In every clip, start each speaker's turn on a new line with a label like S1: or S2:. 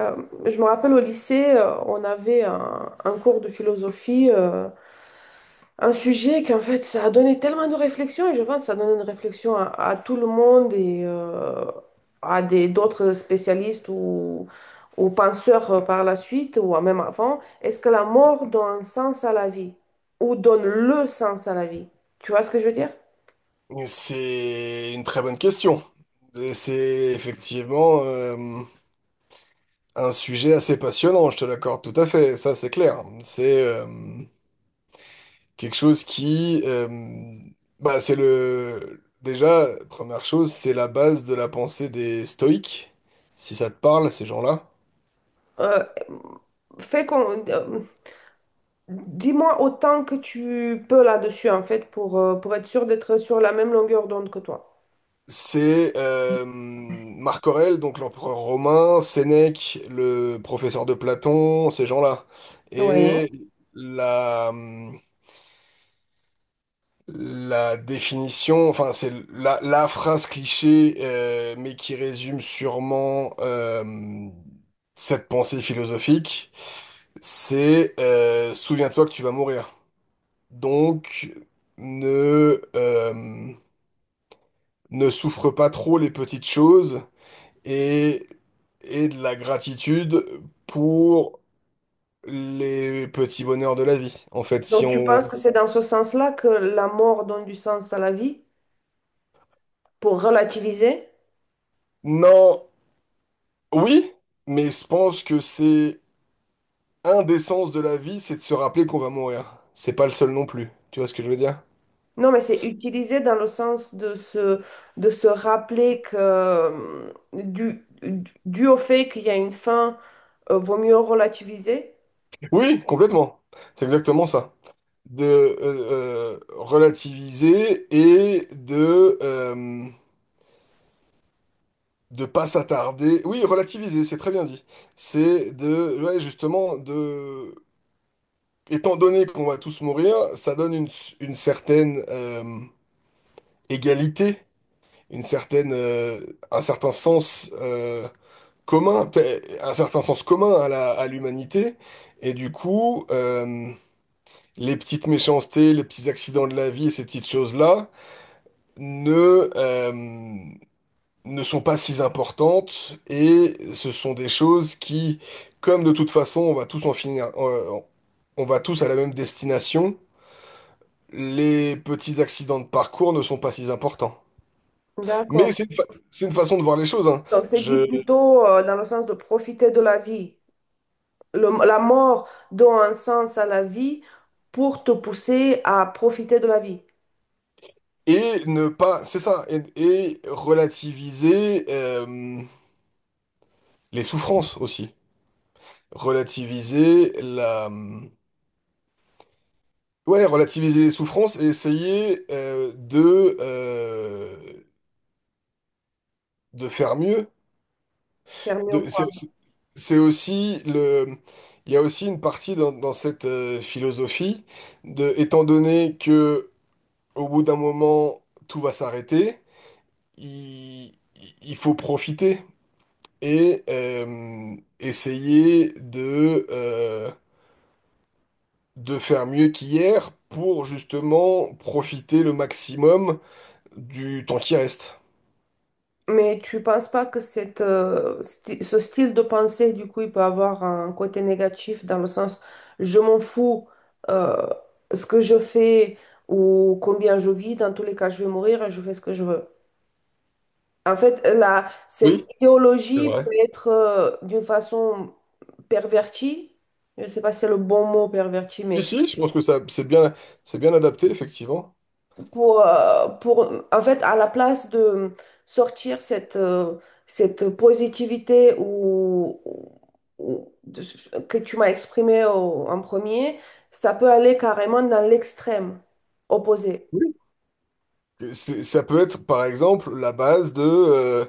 S1: Euh, je me rappelle au lycée, on avait un cours de philosophie, un sujet qu'en fait ça a donné tellement de réflexion, et je pense que ça donne une réflexion à tout le monde et à des d'autres spécialistes ou penseurs par la suite, ou même avant. Est-ce que la mort donne un sens à la vie? Ou donne le sens à la vie? Tu vois ce que je veux dire?
S2: C'est une très bonne question. Et c'est effectivement un sujet assez passionnant, je te l'accorde tout à fait, ça c'est clair. C'est quelque chose qui... bah, c'est le... Déjà, première chose, c'est la base de la pensée des stoïques, si ça te parle, ces gens-là.
S1: Euh, fait qu'on, euh, Dis-moi autant que tu peux là-dessus, en fait, pour être sûr d'être sur la même longueur d'onde que toi.
S2: C'est Marc Aurèle, donc l'empereur romain, Sénèque, le professeur de Platon, ces gens-là.
S1: Oui.
S2: Et la... La définition, enfin, c'est la phrase cliché, mais qui résume sûrement cette pensée philosophique, c'est souviens-toi que tu vas mourir. Donc, ne, euh, ne souffre pas trop les petites choses et, et de la gratitude pour les petits bonheurs de la vie. En fait, si
S1: Donc, tu
S2: on...
S1: penses que c'est dans ce sens-là que la mort donne du sens à la vie, pour relativiser?
S2: Non, oui, mais je pense que c'est... Un des sens de la vie, c'est de se rappeler qu'on va mourir. C'est pas le seul non plus. Tu vois ce que je veux dire?
S1: Non, mais c'est utilisé dans le sens de se rappeler que, dû au fait qu'il y a une fin, vaut mieux relativiser.
S2: Oui, complètement. C'est exactement ça. De Relativiser et de pas s'attarder. Oui, relativiser, c'est très bien dit. C'est de ouais, justement de étant donné qu'on va tous mourir, ça donne une certaine égalité, une certaine, un certain sens commun, peut un certain sens commun à à l'humanité. Et du coup, les petites méchancetés, les petits accidents de la vie et ces petites choses-là ne, euh, ne sont pas si importantes. Et ce sont des choses qui, comme de toute façon, on va tous en finir, on va tous à la même destination. Les petits accidents de parcours ne sont pas si importants. Mais
S1: D'accord.
S2: c'est c'est une façon de voir les choses, hein.
S1: Donc, c'est dit plutôt, dans le sens de profiter de la vie. La mort donne un sens à la vie pour te pousser à profiter de la vie.
S2: Et ne pas, c'est ça, et relativiser les souffrances aussi. Relativiser la... Ouais, relativiser les souffrances et essayer de, de faire mieux.
S1: Faire mieux
S2: De, c'est,
S1: quoi.
S2: c'est c'est aussi le... Il y a aussi une partie dans cette philosophie de, étant donné que au bout d'un moment, tout va s'arrêter, il, il faut profiter et essayer de faire mieux qu'hier pour justement profiter le maximum du temps qui reste.
S1: Mais tu penses pas que cette, ce style de pensée, du coup, il peut avoir un côté négatif dans le sens je m'en fous euh, ce que je fais ou combien je vis, dans tous les cas, je vais mourir et je fais ce que je veux. En fait, la, cette
S2: Oui, c'est
S1: idéologie
S2: vrai.
S1: peut être d'une façon pervertie, je ne sais pas si c'est le bon mot perverti,
S2: Si,
S1: mais
S2: si, je pense que ça, c'est bien adapté, effectivement.
S1: pour en fait, à la place de sortir cette, cette positivité ou, ou- de- que tu m'as exprimée en premier, ça peut aller carrément dans l'extrême opposé.
S2: Oui. Ça peut être, par exemple, la base de...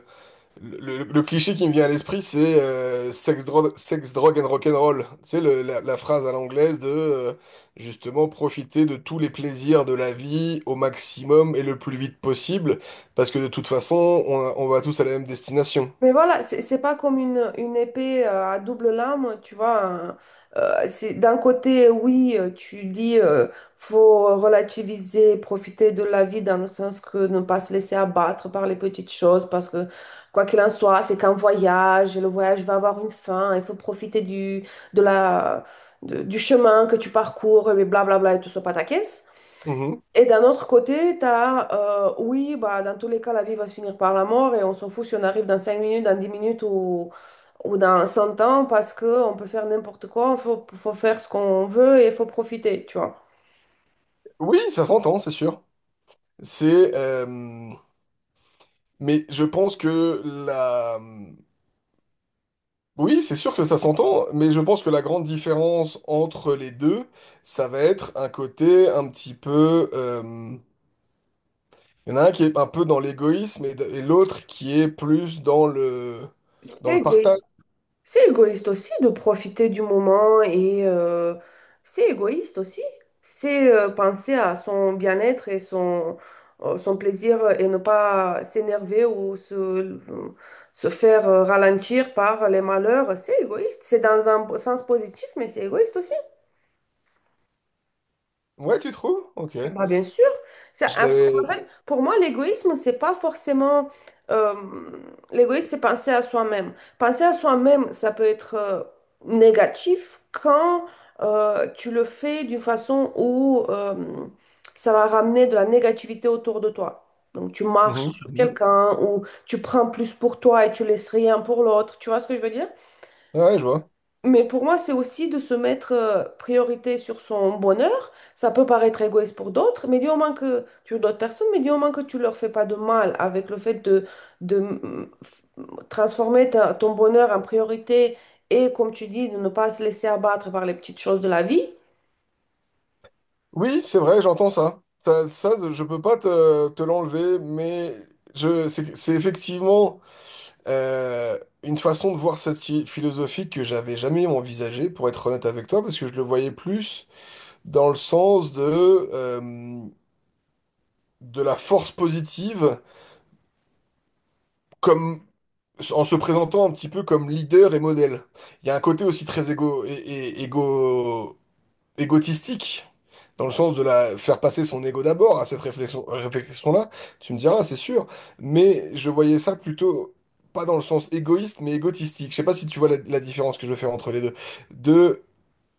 S2: Le, le cliché qui me vient à l'esprit, c'est sex, drogue and rock'n'roll. Tu sais, la phrase à l'anglaise de justement profiter de tous les plaisirs de la vie au maximum et le plus vite possible, parce que de toute façon, on va tous à la même destination.
S1: Mais voilà, c'est pas comme une épée à double lame, tu vois. Hein. C'est d'un côté, oui, tu dis faut relativiser, profiter de la vie dans le sens que ne pas se laisser abattre par les petites choses, parce que quoi qu'il en soit, c'est qu'un voyage, et le voyage va avoir une fin, il faut profiter du, de la, du chemin que tu parcours, et blablabla, et tout ça, pataquès.
S2: Mhm.
S1: Et d'un autre côté, tu as, oui, bah, dans tous les cas, la vie va se finir par la mort et on s'en fout si on arrive dans 5 minutes, dans 10 minutes ou dans 100 ans parce qu'on peut faire n'importe quoi, faut faire ce qu'on veut et il faut profiter, tu vois.
S2: Oui, ça s'entend, c'est sûr. C'est, mais je pense que la, oui, c'est sûr que ça s'entend, mais je pense que la grande différence entre les deux, ça va être un côté un petit peu. Il y en a un qui est un peu dans l'égoïsme et l'autre qui est plus dans
S1: C'est
S2: le partage.
S1: égoïste. C'est égoïste aussi de profiter du moment et c'est égoïste aussi. C'est penser à son bien-être et son, son plaisir et ne pas s'énerver ou se faire ralentir par les malheurs. C'est égoïste. C'est dans un sens positif, mais c'est égoïste aussi.
S2: Ouais, tu trouves? Ok.
S1: Bah, bien sûr. Ça,
S2: Je
S1: en
S2: l'avais.
S1: fait, pour moi, l'égoïsme, c'est pas forcément. euh, L'égoïsme, c'est penser à soi-même. Penser à soi-même, ça peut être négatif quand tu le fais d'une façon où ça va ramener de la négativité autour de toi. Donc, tu marches
S2: Mhm,
S1: sur
S2: mhm.
S1: quelqu'un ou tu prends plus pour toi et tu laisses rien pour l'autre. Tu vois ce que je veux dire?
S2: Ouais, ouais, je vois.
S1: Mais pour moi, c'est aussi de se mettre priorité sur son bonheur. Ça peut paraître égoïste pour d'autres, mais du moment que tu d'autres personnes, mais du moment que tu leur fais pas de mal avec le fait de transformer ton bonheur en priorité et, comme tu dis, de ne pas se laisser abattre par les petites choses de la vie,
S2: Oui, c'est vrai, j'entends ça. Ça, je peux pas te l'enlever, mais c'est effectivement une façon de voir cette philosophie que j'avais jamais envisagée, pour être honnête avec toi, parce que je le voyais plus dans le sens euh, de la force positive comme en se présentant un petit peu comme leader et modèle. Il y a un côté aussi très égo, égotistique, dans le sens de la faire passer son ego d'abord à cette réflexion-là. Tu me diras, c'est sûr, mais je voyais ça plutôt pas dans le sens égoïste, mais égotistique. Je sais pas si tu vois la différence que je veux faire entre les deux. De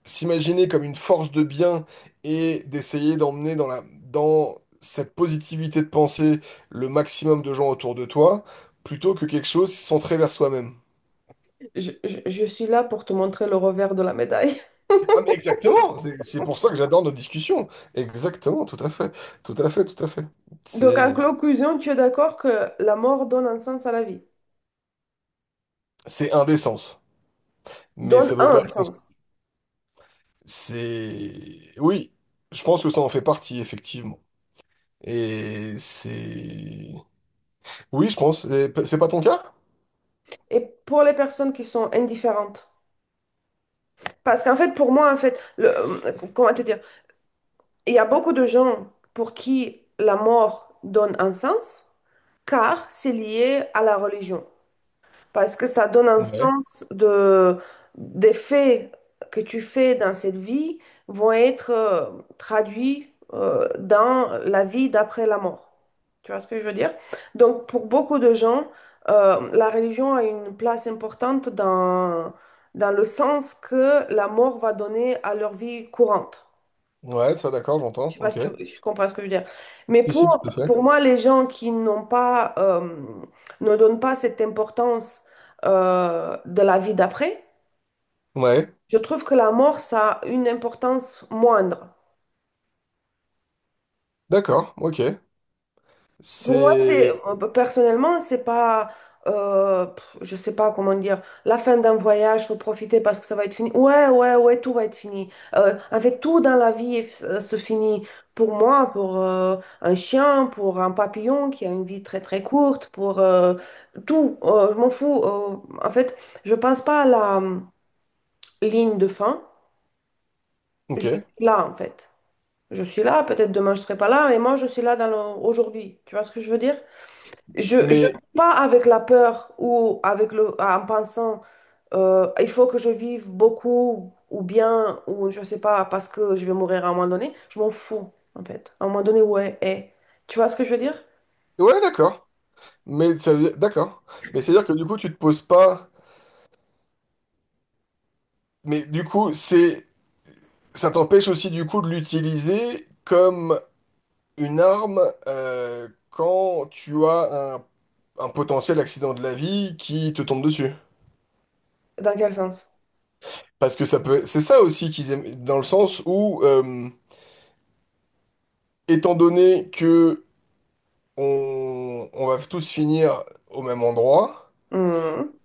S2: s'imaginer comme une force de bien et d'essayer d'emmener dans dans cette positivité de pensée le maximum de gens autour de toi, plutôt que quelque chose centré vers soi-même.
S1: je, je suis là pour te montrer le revers de la médaille.
S2: Ah mais exactement, c'est pour ça que j'adore nos discussions. Exactement, tout à fait, tout à fait, tout à fait.
S1: Donc, en
S2: C'est
S1: conclusion, tu es d'accord que la mort donne un sens à la vie,
S2: indécence, mais ça
S1: donne
S2: peut pas
S1: un
S2: être.
S1: sens.
S2: C'est oui, je pense que ça en fait partie effectivement. Et c'est oui, je pense. C'est pas ton cas?
S1: Et pour les personnes qui sont indifférentes. Parce qu'en fait, pour moi, en fait, le, comment te dire, il y a beaucoup de gens pour qui la mort donne un sens, car c'est lié à la religion parce que ça donne un
S2: Ouais,
S1: sens de, des faits que tu fais dans cette vie vont être traduits dans la vie d'après la mort. Tu vois ce que je veux dire? Donc, pour beaucoup de gens, la religion a une place importante dans, dans le sens que la mort va donner à leur vie courante.
S2: ouais, ça d'accord,
S1: Je
S2: j'entends.
S1: sais pas si
S2: Ok.
S1: tu, je comprends ce que je veux dire. Mais
S2: Si si, tout à fait.
S1: pour moi, les gens qui n'ont pas, ne donnent pas cette importance de la vie d'après,
S2: Ouais,
S1: je trouve que la mort, ça a une importance moindre.
S2: d'accord. Ok.
S1: Pour moi, c'est
S2: C'est
S1: bah, personnellement, c'est pas, je sais pas comment dire, la fin d'un voyage, faut profiter parce que ça va être fini. Ouais, ouais, ouais, tout va être fini. En fait, tout dans la vie se finit. Pour moi, pour un chien, pour un papillon qui a une vie très très courte, pour tout, je m'en fous. En fait, je pense pas à la ligne de fin. Je
S2: ok.
S1: suis là, en fait. Je suis là. Peut-être demain je serai pas là, mais moi je suis là dans aujourd'hui. Tu vois ce que je veux dire? Je ne vis
S2: Mais
S1: pas avec la peur ou avec le, en pensant il faut que je vive beaucoup ou bien, ou je sais pas, parce que je vais mourir à un moment donné. Je m'en fous, en fait. À un moment donné, ouais, eh. Tu vois ce que je veux dire?
S2: ouais, d'accord. Mais ça veut d'accord. Mais c'est à dire que du coup, tu te poses pas. Mais du coup, c'est ça t'empêche aussi du coup de l'utiliser comme une arme quand tu as un potentiel accident de la vie qui te tombe dessus.
S1: Dans quel sens?
S2: Parce que ça peut, c'est ça aussi qu'ils aiment, dans le sens où, étant donné que on va tous finir au même endroit,
S1: Hmm.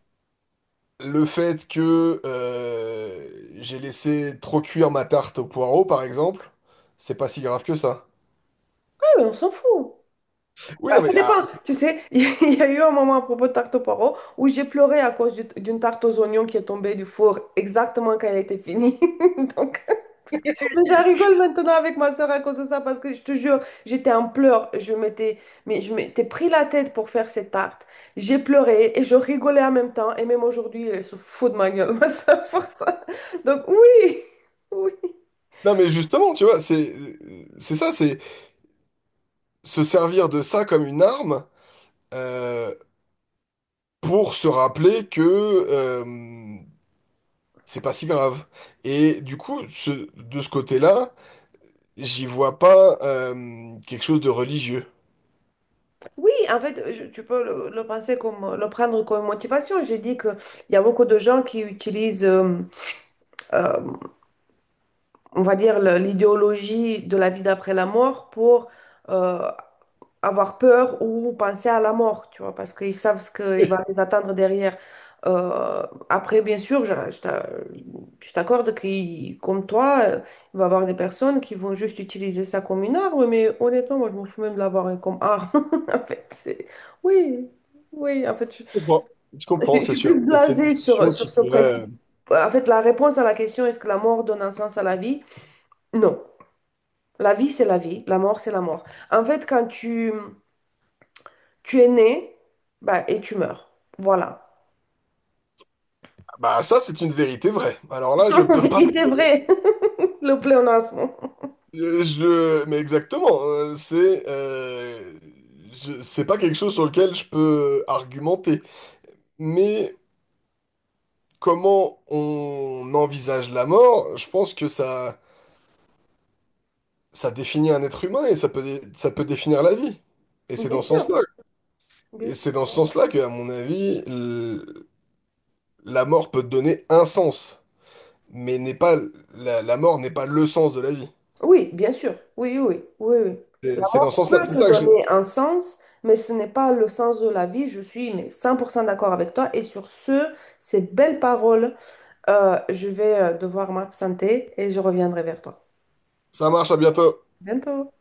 S2: le fait que j'ai laissé trop cuire ma tarte au poireau, par exemple, c'est pas si grave que ça.
S1: Ouais, mais on s'en fout.
S2: Oui,
S1: Bah,
S2: non
S1: ça
S2: mais, ah,
S1: dépend. Tu sais, il y a eu un moment à propos de tarte aux poireaux où j'ai pleuré à cause d'une tarte aux oignons qui est tombée du four exactement quand elle était finie. Donc. Mais je rigole maintenant avec ma soeur à cause de ça parce que je te jure, j'étais en pleurs. Je m'étais, mais je m'étais pris la tête pour faire cette tarte. J'ai pleuré et je rigolais en même temps. Et même aujourd'hui, elle se fout de ma gueule, ma soeur, pour ça. Donc oui, oui.
S2: non mais justement, tu vois, c'est ça, c'est se servir de ça comme une arme euh, pour se rappeler que euh, c'est pas si grave. Et du coup, de ce côté-là, j'y vois pas quelque chose de religieux.
S1: Oui, en fait, tu peux le penser comme, le prendre comme motivation. J'ai dit qu'il y a beaucoup de gens qui utilisent, euh, on va dire, l'idéologie de la vie d'après la mort pour... euh, avoir peur ou penser à la mort, tu vois, parce qu'ils savent ce qu'il
S2: Oui,
S1: va les attendre derrière. Euh, Après, bien sûr, je, je t'accorde que, comme toi, il va y avoir des personnes qui vont juste utiliser ça comme une arme, mais honnêtement, moi, je m'en fous même de l'avoir hein, comme arme. En fait, c'est... Oui, oui, en fait, je,
S2: je comprends. Je comprends,
S1: je
S2: c'est
S1: suis plus
S2: sûr. Et C'est une
S1: blasée sur,
S2: discussion
S1: sur
S2: qui
S1: ce principe.
S2: pourrait...
S1: En fait, la réponse à la question, est-ce que la mort donne un sens à la vie? Non. La vie, c'est la vie, la mort, c'est la mort. En fait, quand tu tu es né, bah, et tu meurs. Voilà.
S2: Bah ça, c'est une vérité vraie. Alors là, je
S1: En
S2: peux pas...
S1: vérité vrai, le pléonasme.
S2: euh, Mais exactement, c'est... C'est pas quelque chose sur lequel je peux argumenter. Mais comment on envisage la mort, je pense que ça définit un être humain et ça peut, ça peut définir la vie. Et c'est
S1: Bien
S2: dans ce
S1: sûr,
S2: sens-là,
S1: bien
S2: et
S1: sûr.
S2: c'est dans ce sens-là que, à mon avis, la mort peut donner un sens, mais n'est pas la mort n'est pas le sens de la vie.
S1: Oui, bien sûr. Oui, oui, oui, oui. La
S2: C'est dans ce
S1: mort
S2: sens-là.
S1: peut
S2: C'est
S1: te
S2: ça que j'ai.
S1: donner un sens, mais ce n'est pas le sens de la vie. Je suis mais 100% d'accord avec toi. Et sur ce, ces belles paroles, je vais devoir m'absenter et je reviendrai vers toi.
S2: Ça marche, à bientôt.
S1: À Bientôt.